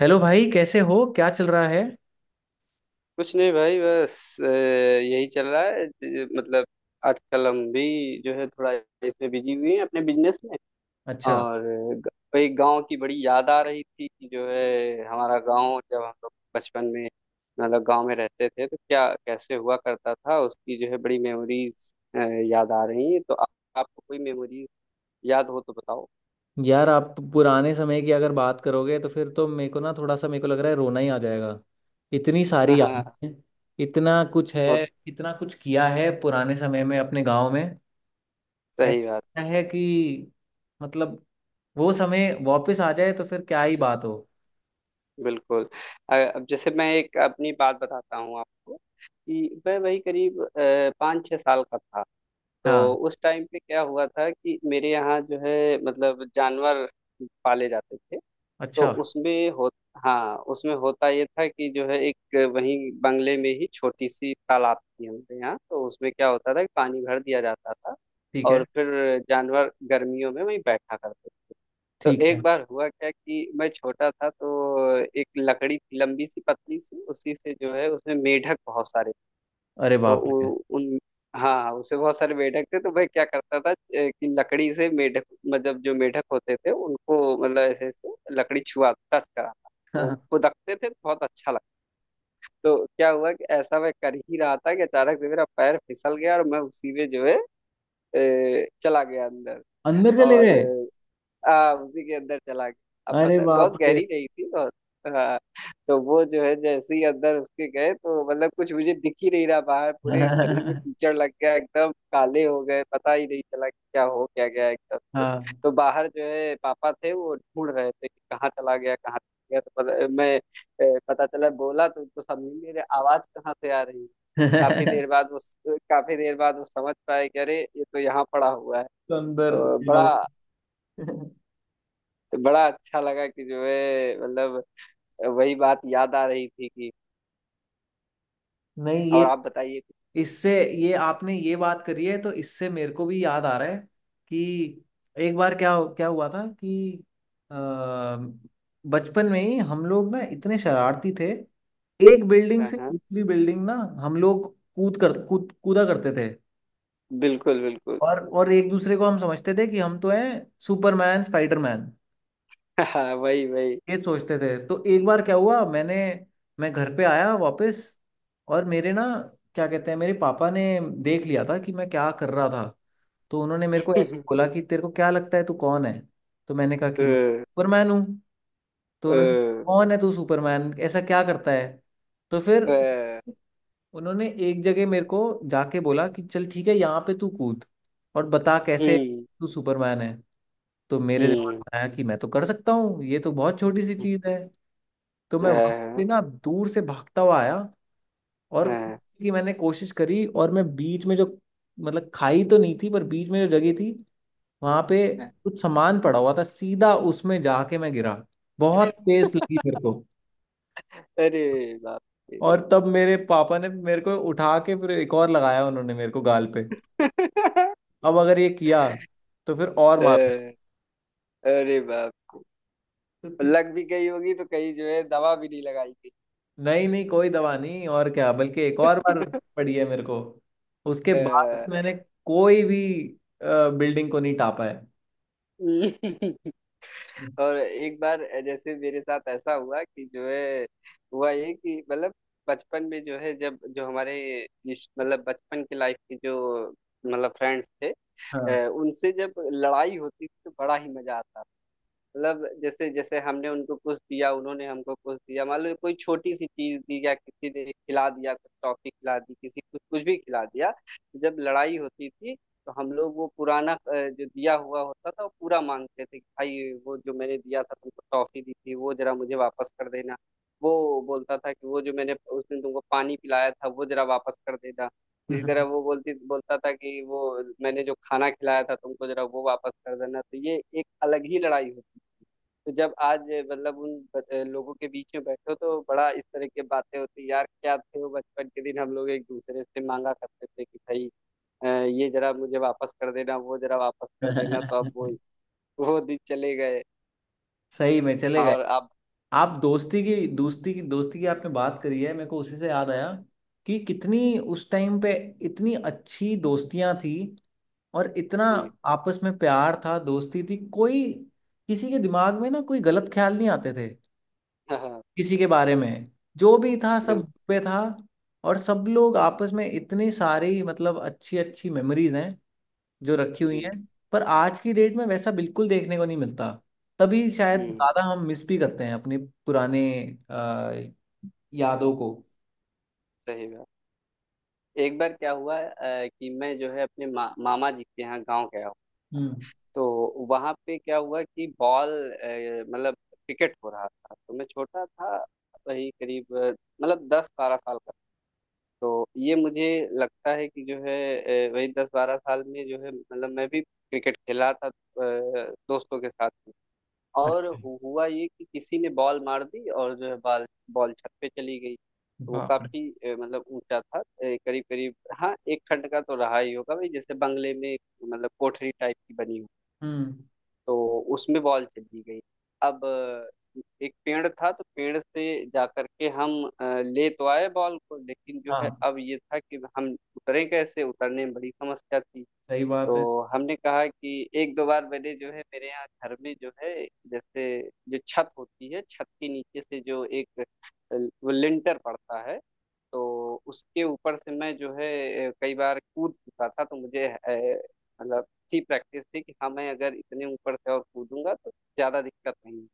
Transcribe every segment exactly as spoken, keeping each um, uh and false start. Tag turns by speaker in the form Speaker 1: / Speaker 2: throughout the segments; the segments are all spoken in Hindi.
Speaker 1: हेलो भाई, कैसे हो? क्या चल रहा है?
Speaker 2: कुछ नहीं भाई बस अ, यही चल रहा है ज- मतलब आजकल हम भी जो है थोड़ा इसमें बिजी हुए हैं अपने बिजनेस में।
Speaker 1: अच्छा।
Speaker 2: और ग- भाई गांव की बड़ी याद आ रही थी कि जो है हमारा गांव जब हम लोग बचपन में मतलब गांव में रहते थे तो क्या कैसे हुआ करता था उसकी जो है बड़ी मेमोरीज याद आ रही हैं। तो आप, आपको कोई मेमोरीज याद हो तो बताओ।
Speaker 1: यार, आप पुराने समय की अगर बात करोगे तो फिर तो मेरे को ना थोड़ा सा मेरे को लग रहा है रोना ही आ जाएगा। इतनी सारी यादें
Speaker 2: हाँ।
Speaker 1: हैं। इतना कुछ
Speaker 2: बहुत।
Speaker 1: है। इतना कुछ किया है पुराने समय में अपने गांव में। ऐसा
Speaker 2: सही बात।
Speaker 1: लगता है कि मतलब वो समय वापस आ जाए तो फिर क्या ही बात हो।
Speaker 2: बिल्कुल। अ, अब जैसे मैं एक अपनी बात बताता हूँ आपको कि मैं वही करीब अ, पाँच छः साल का था। तो
Speaker 1: हाँ।
Speaker 2: उस टाइम पे क्या हुआ था कि मेरे यहाँ जो है मतलब जानवर पाले जाते थे। तो
Speaker 1: अच्छा।
Speaker 2: उसमें हो हाँ, उसमें होता ये था कि जो है एक वहीं बंगले में ही छोटी सी तालाब थी हमारे यहाँ। तो उसमें क्या होता था कि पानी भर दिया जाता था
Speaker 1: ठीक
Speaker 2: और
Speaker 1: है।
Speaker 2: फिर जानवर गर्मियों में वहीं बैठा करते। तो
Speaker 1: ठीक
Speaker 2: एक
Speaker 1: है।
Speaker 2: बार हुआ क्या कि मैं छोटा था तो एक लकड़ी थी लंबी सी पतली सी उसी से जो है उसमें मेढक बहुत सारे।
Speaker 1: अरे
Speaker 2: तो
Speaker 1: बाप रे!
Speaker 2: उ, उन हाँ हाँ, उससे बहुत सारे मेढक थे तो मैं क्या करता था अ, कि लकड़ी से मेढक मतलब जो मेढक होते थे उनको मतलब ऐसे ऐसे लकड़ी छुआ टच करा वो खुदकते थे बहुत अच्छा लगता। तो क्या हुआ कि ऐसा मैं कर ही रहा था कि अचानक से मेरा पैर फिसल गया और मैं उसी में जो है अ, चला गया अंदर।
Speaker 1: अंदर चले
Speaker 2: और
Speaker 1: गए?
Speaker 2: हाँ, उसी के अंदर चला गया। अब
Speaker 1: अरे
Speaker 2: पता
Speaker 1: बाप
Speaker 2: बहुत
Speaker 1: रे!
Speaker 2: गहरी नहीं थी बहुत। हाँ। तो वो जो है जैसे ही अंदर उसके गए तो मतलब कुछ मुझे दिख ही नहीं रहा बाहर, पूरे शरीर में
Speaker 1: हाँ।
Speaker 2: कीचड़ लग गया, एकदम काले हो गए, पता ही नहीं चला कि क्या हो क्या गया एकदम से। तो बाहर जो है पापा थे वो ढूंढ रहे थे कि कहाँ चला गया कहाँ चला गया। तो पता, मैं अ, पता चला बोला तो उनको समझ मेरे आवाज कहाँ से आ रही है। काफी देर बाद उस काफी देर बाद वो समझ पाए कि अरे ये तो यहाँ पड़ा हुआ है।
Speaker 1: अंदर।
Speaker 2: तो बड़ा
Speaker 1: नहीं।
Speaker 2: बड़ा अच्छा लगा कि जो है मतलब वही बात याद आ रही थी कि। और
Speaker 1: ये,
Speaker 2: आप बताइए कुछ।
Speaker 1: इससे, ये आपने ये बात करी है तो इससे मेरे को भी याद आ रहा है कि एक बार क्या क्या हुआ था कि अ, बचपन में ही हम लोग ना इतने शरारती थे। एक बिल्डिंग
Speaker 2: हाँ
Speaker 1: से
Speaker 2: हाँ।
Speaker 1: दूसरी बिल्डिंग ना हम लोग कूद कर कूद कूदा करते थे।
Speaker 2: बिल्कुल बिल्कुल।
Speaker 1: और और एक दूसरे को हम समझते थे कि हम तो हैं सुपरमैन, स्पाइडरमैन।
Speaker 2: हाँ, वही वही।
Speaker 1: ये सोचते थे। तो एक बार क्या हुआ, मैंने मैं घर पे आया वापस, और मेरे ना, क्या कहते हैं, मेरे पापा ने देख लिया था कि मैं क्या कर रहा था। तो उन्होंने मेरे को ऐसे बोला कि तेरे को क्या लगता है, तू कौन है? तो मैंने कहा
Speaker 2: अ,
Speaker 1: कि मैं
Speaker 2: अ,
Speaker 1: सुपरमैन हूँ। तो उन्होंने कहा, कौन है तू सुपरमैन, ऐसा क्या करता है? तो
Speaker 2: अ,
Speaker 1: फिर उन्होंने एक जगह मेरे को जाके बोला कि चल ठीक है, यहाँ पे तू कूद और बता कैसे
Speaker 2: हम्म
Speaker 1: तू सुपरमैन है। तो मेरे दिमाग
Speaker 2: हम्म।
Speaker 1: में आया कि मैं तो कर सकता हूँ, ये तो बहुत छोटी सी चीज है। तो
Speaker 2: अ,
Speaker 1: मैं वहां पे ना दूर से भागता हुआ आया और
Speaker 2: हाँ,
Speaker 1: खाने की मैंने कोशिश करी, और मैं बीच में जो, मतलब खाई तो नहीं थी, पर बीच में जो जगह थी वहां पे
Speaker 2: हाँ।
Speaker 1: कुछ सामान पड़ा हुआ था, सीधा उसमें जाके मैं गिरा। बहुत तेज लगी मेरे को।
Speaker 2: अरे बाप रे।
Speaker 1: और तब मेरे पापा ने मेरे को उठा के फिर एक और लगाया उन्होंने मेरे को गाल पे। अब अगर ये किया तो फिर और
Speaker 2: अ,
Speaker 1: मारो।
Speaker 2: अरे बाप रे। लग भी गई होगी तो कहीं जो है दवा भी नहीं लगाई गई।
Speaker 1: नहीं नहीं, कोई दवा नहीं, और क्या, बल्कि एक और बार पड़ी है मेरे को। उसके
Speaker 2: अ,
Speaker 1: बाद से मैंने कोई भी बिल्डिंग को नहीं टापा है।
Speaker 2: और एक बार जैसे मेरे साथ ऐसा हुआ कि जो है हुआ ये कि मतलब बचपन में जो है जब जो हमारे इस मतलब बचपन की लाइफ के जो मतलब फ्रेंड्स थे
Speaker 1: हाँ।
Speaker 2: अ, उनसे जब लड़ाई होती थी तो बड़ा ही मजा आता था। मतलब जैसे जैसे हमने उनको कुछ दिया उन्होंने हमको कुछ दिया, मान लो कोई छोटी सी चीज दी या किसी ने खिला दिया कुछ टॉफी खिला दी किसी कुछ कुछ भी खिला दिया। जब लड़ाई होती थी तो हम लोग वो पुराना अ, जो दिया हुआ होता था वो पूरा मांगते थे कि भाई वो जो मैंने दिया था तुमको टॉफी दी थी वो जरा मुझे वापस कर देना। वो बोलता था कि वो जो मैंने उस दिन तुमको पानी पिलाया था वो जरा वापस कर देना। इसी तरह वो बोलती बोलता था कि वो मैंने जो खाना खिलाया था तुमको जरा वो वापस कर देना। तो ये एक अलग ही लड़ाई होती। तो जब आज मतलब उन ब- लोगों के बीच में बैठो तो बड़ा इस तरह की बातें होती हैं। यार क्या थे वो बचपन के दिन हम लोग एक दूसरे से मांगा करते थे कि भाई अ, ये जरा मुझे वापस कर देना वो जरा वापस कर देना। तो अब वो वो दिन चले गए।
Speaker 1: सही में चले गए।
Speaker 2: और अब।
Speaker 1: आप दोस्ती की दोस्ती की दोस्ती की आपने बात करी है, मेरे को उसी से याद आया कि कितनी उस टाइम पे इतनी अच्छी दोस्तियां थी, और इतना
Speaker 2: जी।
Speaker 1: आपस में प्यार था, दोस्ती थी, कोई किसी के दिमाग में ना कोई गलत ख्याल नहीं आते थे
Speaker 2: हाँ।
Speaker 1: किसी के बारे में। जो भी था सब
Speaker 2: बिल्कुल।
Speaker 1: पे था, और सब लोग आपस में इतनी सारी मतलब अच्छी अच्छी मेमोरीज हैं जो रखी हुई हैं।
Speaker 2: जी।
Speaker 1: पर आज की डेट में वैसा बिल्कुल देखने को नहीं मिलता। तभी शायद
Speaker 2: हम्म।
Speaker 1: ज़्यादा हम मिस भी करते हैं अपने पुराने अ, यादों को।
Speaker 2: सही बात। एक बार क्या हुआ अ, कि मैं जो है अपने मा, मामा जी के यहाँ गाँव गया।
Speaker 1: हम्म।
Speaker 2: तो वहां पे क्या हुआ कि बॉल अ, मतलब क्रिकेट हो रहा था तो मैं छोटा था। वही करीब अ, मतलब दस बारह साल का। तो ये मुझे लगता है कि जो है अ, वही दस बारह साल में जो है मतलब मैं भी क्रिकेट खेला था अ, दोस्तों के साथ में। और
Speaker 1: अच्छा।
Speaker 2: हु- हुआ ये कि किसी ने बॉल मार दी और जो है बॉल बॉल छत पे चली गई। तो वो
Speaker 1: बाप रे।
Speaker 2: काफी अ, मतलब ऊंचा था करीब करीब, हाँ एक खंड का तो रहा ही होगा भाई, जैसे बंगले में मतलब कोठरी टाइप की बनी।
Speaker 1: हम्म।
Speaker 2: तो उसमें बॉल चली गई। अब अ, एक पेड़ था तो पेड़ से जा करके हम अ, ले तो आए बॉल को, लेकिन जो है
Speaker 1: हाँ,
Speaker 2: अब ये था कि हम उतरे कैसे, उतरने में बड़ी समस्या थी।
Speaker 1: सही
Speaker 2: तो
Speaker 1: बात है।
Speaker 2: हमने कहा कि एक दो बार मैंने जो है मेरे यहाँ घर में जो है जैसे जो छत होती है छत के नीचे से जो एक अ, वो लिंटर पड़ता है। तो उसके ऊपर से मैं जो है अ, कई बार कूद चुका था। तो मुझे अ, मतलब थी, प्रैक्टिस थी कि हाँ मैं अगर इतने ऊपर से और कूदूंगा तो ज्यादा दिक्कत नहीं है।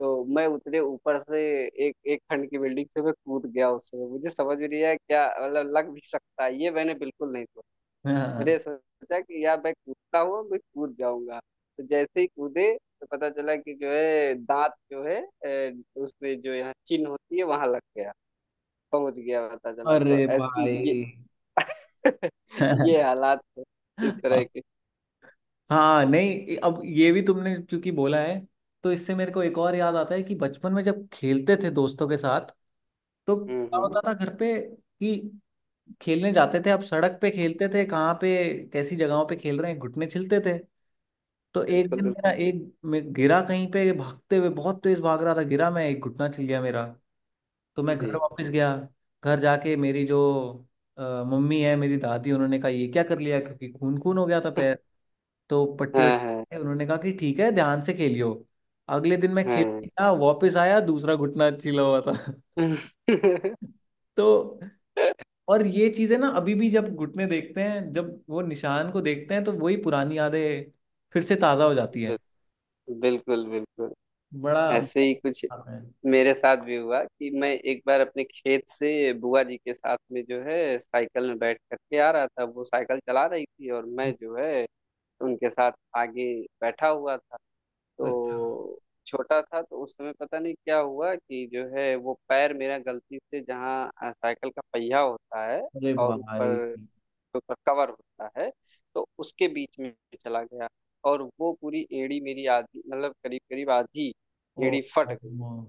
Speaker 2: तो मैं उतने ऊपर से एक एक खंड की बिल्डिंग से मैं कूद गया। उससे मुझे समझ भी नहीं आया क्या मतलब लग भी सकता है ये मैंने बिल्कुल नहीं,
Speaker 1: हाँ।
Speaker 2: मैंने सोचा कि यार मैं कूदता हूँ मैं कूद जाऊंगा। तो जैसे ही कूदे तो पता चला कि जो है दांत जो है अ, उसमें जो यहाँ चिन्ह होती है वहां लग गया, पहुंच गया पता चला तो
Speaker 1: अरे
Speaker 2: ऐसी
Speaker 1: भाई!
Speaker 2: ये ये हालात है इस तरह
Speaker 1: हाँ।
Speaker 2: के।
Speaker 1: हाँ नहीं, अब ये भी तुमने क्योंकि बोला है तो इससे मेरे को एक और याद आता है कि बचपन में जब खेलते थे दोस्तों के साथ तो
Speaker 2: हम्म
Speaker 1: क्या होता
Speaker 2: हम्म।
Speaker 1: था घर पे कि खेलने जाते थे, अब सड़क पे खेलते थे, कहाँ पे कैसी जगहों पे खेल रहे हैं, घुटने छिलते थे। तो एक
Speaker 2: बिल्कुल
Speaker 1: दिन मेरा
Speaker 2: बिल्कुल।
Speaker 1: एक, मैं गिरा कहीं पे, भागते हुए बहुत तेज भाग रहा था, गिरा मैं, एक घुटना छिल गया मेरा। तो मैं घर
Speaker 2: जी।
Speaker 1: वापस गया, घर जाके मेरी जो अ, मम्मी है, मेरी दादी, उन्होंने कहा ये क्या कर लिया, क्योंकि खून खून हो गया था पैर। तो पट्टी
Speaker 2: हाँ हाँ
Speaker 1: वट्टी, उन्होंने कहा कि ठीक है, ध्यान से खेलियो। अगले दिन मैं खेल
Speaker 2: हाँ।
Speaker 1: गया, वापस आया, दूसरा घुटना छिला हुआ था। तो और ये चीजें ना अभी भी जब घुटने देखते हैं, जब वो निशान को देखते हैं, तो वही पुरानी यादें फिर से ताजा हो जाती है।
Speaker 2: बिल्कुल बिल्कुल बिल्कुल।
Speaker 1: बड़ा
Speaker 2: ऐसे ही कुछ
Speaker 1: है।
Speaker 2: मेरे साथ भी हुआ कि मैं एक बार अपने खेत से बुआ जी के साथ में जो है साइकिल में बैठ करके आ रहा था। वो साइकिल चला रही थी और मैं जो है उनके साथ आगे बैठा हुआ था।
Speaker 1: अच्छा।
Speaker 2: तो छोटा था तो उस समय पता नहीं क्या हुआ कि जो है वो पैर मेरा गलती से जहाँ अ, साइकिल का पहिया होता है
Speaker 1: अरे
Speaker 2: और
Speaker 1: भाई!
Speaker 2: ऊपर जो ऊपर कवर होता है तो उसके बीच में चला गया। और वो पूरी एड़ी मेरी आधी मतलब करीब करीब आधी
Speaker 1: ओ।
Speaker 2: एड़ी फट
Speaker 1: ओ,
Speaker 2: गई।
Speaker 1: ओ।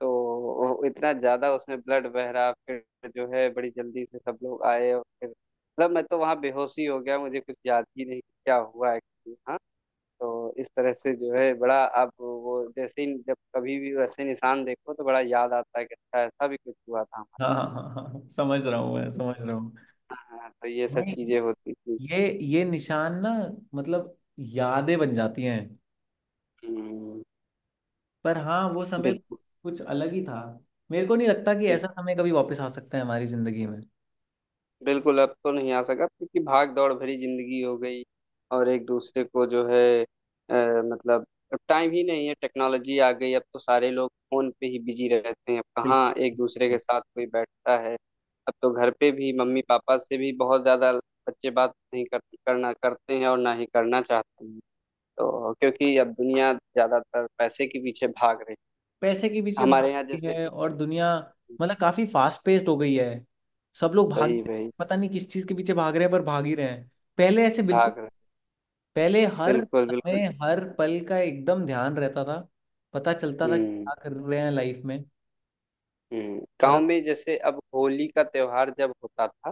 Speaker 2: तो वो इतना ज्यादा उसमें ब्लड बह रहा, फिर जो है बड़ी जल्दी से सब लोग आए और फिर मतलब मैं तो वहाँ बेहोश ही हो गया, मुझे कुछ याद ही नहीं कि क्या हुआ एक्चुअली। हाँ। तो इस तरह से जो है बड़ा अब वो जैसे ही जब कभी भी वैसे निशान देखो तो बड़ा याद आता है कि अच्छा ऐसा भी कुछ हुआ था
Speaker 1: हाँ
Speaker 2: हमारे
Speaker 1: हाँ हाँ हाँ, समझ रहा हूँ, मैं
Speaker 2: साथ।
Speaker 1: समझ
Speaker 2: तो
Speaker 1: रहा हूँ।
Speaker 2: हाँ, तो ये सब
Speaker 1: नहीं,
Speaker 2: चीजें होती थी।
Speaker 1: ये, ये निशान ना मतलब यादें बन जाती हैं।
Speaker 2: हम्म।
Speaker 1: पर हाँ, वो समय
Speaker 2: बिल्कुल।
Speaker 1: कुछ अलग ही था। मेरे को नहीं लगता कि ऐसा समय कभी वापस आ सकता है हमारी जिंदगी में।
Speaker 2: बिल्कुल अब तो नहीं आ सका क्योंकि भाग दौड़ भरी जिंदगी हो गई। और एक दूसरे को जो है अ, मतलब अब टाइम ही नहीं है, टेक्नोलॉजी आ गई, अब तो सारे लोग फोन पे ही बिजी रहते हैं, अब
Speaker 1: बिल्कुल।
Speaker 2: कहाँ एक दूसरे के साथ कोई बैठता है। अब तो घर पे भी मम्मी पापा से भी बहुत ज्यादा बच्चे बात नहीं कर, करना करते हैं और ना ही करना चाहते हैं। तो क्योंकि अब दुनिया ज्यादातर पैसे के पीछे भाग रही
Speaker 1: पैसे के
Speaker 2: है।
Speaker 1: पीछे
Speaker 2: हमारे यहाँ
Speaker 1: भागती
Speaker 2: जैसे
Speaker 1: है और दुनिया, मतलब काफी फास्ट पेस्ड हो गई है। सब लोग भाग,
Speaker 2: वही वही।
Speaker 1: पता नहीं किस चीज के पीछे भाग रहे हैं, पर भाग ही रहे हैं। पहले ऐसे बिल्कुल,
Speaker 2: भाग रहे।
Speaker 1: पहले हर
Speaker 2: बिल्कुल बिल्कुल।
Speaker 1: समय हर पल का एकदम ध्यान रहता था, पता चलता था कि
Speaker 2: हम्म
Speaker 1: क्या कर रहे हैं लाइफ में।
Speaker 2: हम्म।
Speaker 1: और
Speaker 2: गांव
Speaker 1: अब।
Speaker 2: में जैसे अब होली का त्योहार जब होता था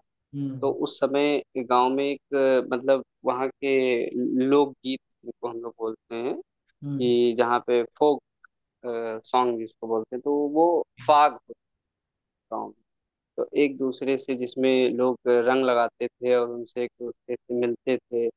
Speaker 2: तो
Speaker 1: हम्म।
Speaker 2: उस समय गांव में एक अ, मतलब वहाँ के लोकगीत जिनको हम लोग बोलते हैं
Speaker 1: हम्म।
Speaker 2: कि जहाँ पे फोक सॉन्ग जिसको बोलते हैं तो वो फाग होता है गाँव में। तो एक दूसरे से जिसमें लोग रंग लगाते थे और उनसे एक दूसरे से मिलते थे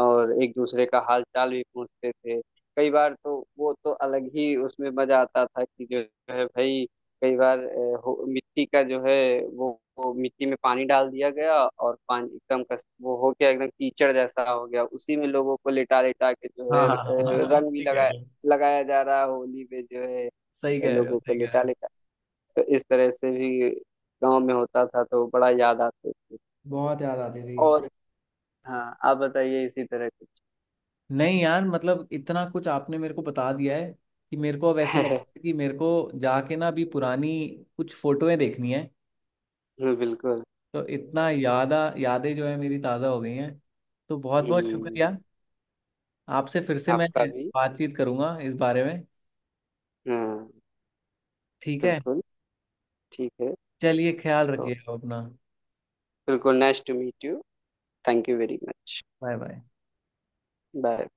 Speaker 2: और एक दूसरे का हाल चाल भी पूछते थे। कई बार तो वो तो अलग ही उसमें मजा आता था कि जो है भाई कई बार अ, हो- मिट्टी का जो है वो, वो मिट्टी में पानी डाल दिया गया और पानी एकदम कस वो हो गया, एकदम कीचड़ जैसा हो गया, उसी में लोगों को लिटा लिटा के जो
Speaker 1: हाँ
Speaker 2: है
Speaker 1: हाँ
Speaker 2: अ,
Speaker 1: हाँ हाँ, हाँ,
Speaker 2: रंग भी
Speaker 1: सही कह
Speaker 2: लगाया,
Speaker 1: रहे हो,
Speaker 2: लगाया जा रहा है होली पे जो है
Speaker 1: सही कह रहे हो,
Speaker 2: लोगों को
Speaker 1: सही कह
Speaker 2: लिटा।
Speaker 1: रहे हो।
Speaker 2: तो इस तरह से भी गांव में होता था तो बड़ा याद आते थे।
Speaker 1: बहुत याद आती थी।
Speaker 2: और हाँ, आप बताइए इसी तरह कुछ।
Speaker 1: नहीं यार, मतलब इतना कुछ आपने मेरे को बता दिया है कि मेरे को अब ऐसे लग रहा है कि मेरे को जाके ना अभी पुरानी कुछ फोटोएं देखनी है।
Speaker 2: बिल्कुल।
Speaker 1: तो इतना यादा यादें जो है मेरी ताज़ा हो गई हैं। तो बहुत बहुत
Speaker 2: हम्म।
Speaker 1: शुक्रिया, आपसे फिर से मैं
Speaker 2: आपका भी।
Speaker 1: बातचीत करूंगा इस बारे में।
Speaker 2: हाँ।
Speaker 1: ठीक है?
Speaker 2: बिल्कुल। ठीक है।
Speaker 1: चलिए, ख्याल
Speaker 2: तो
Speaker 1: रखिएगा अपना।
Speaker 2: बिल्कुल nice to meet you. Thank you very much.
Speaker 1: Bye bye.
Speaker 2: Bye.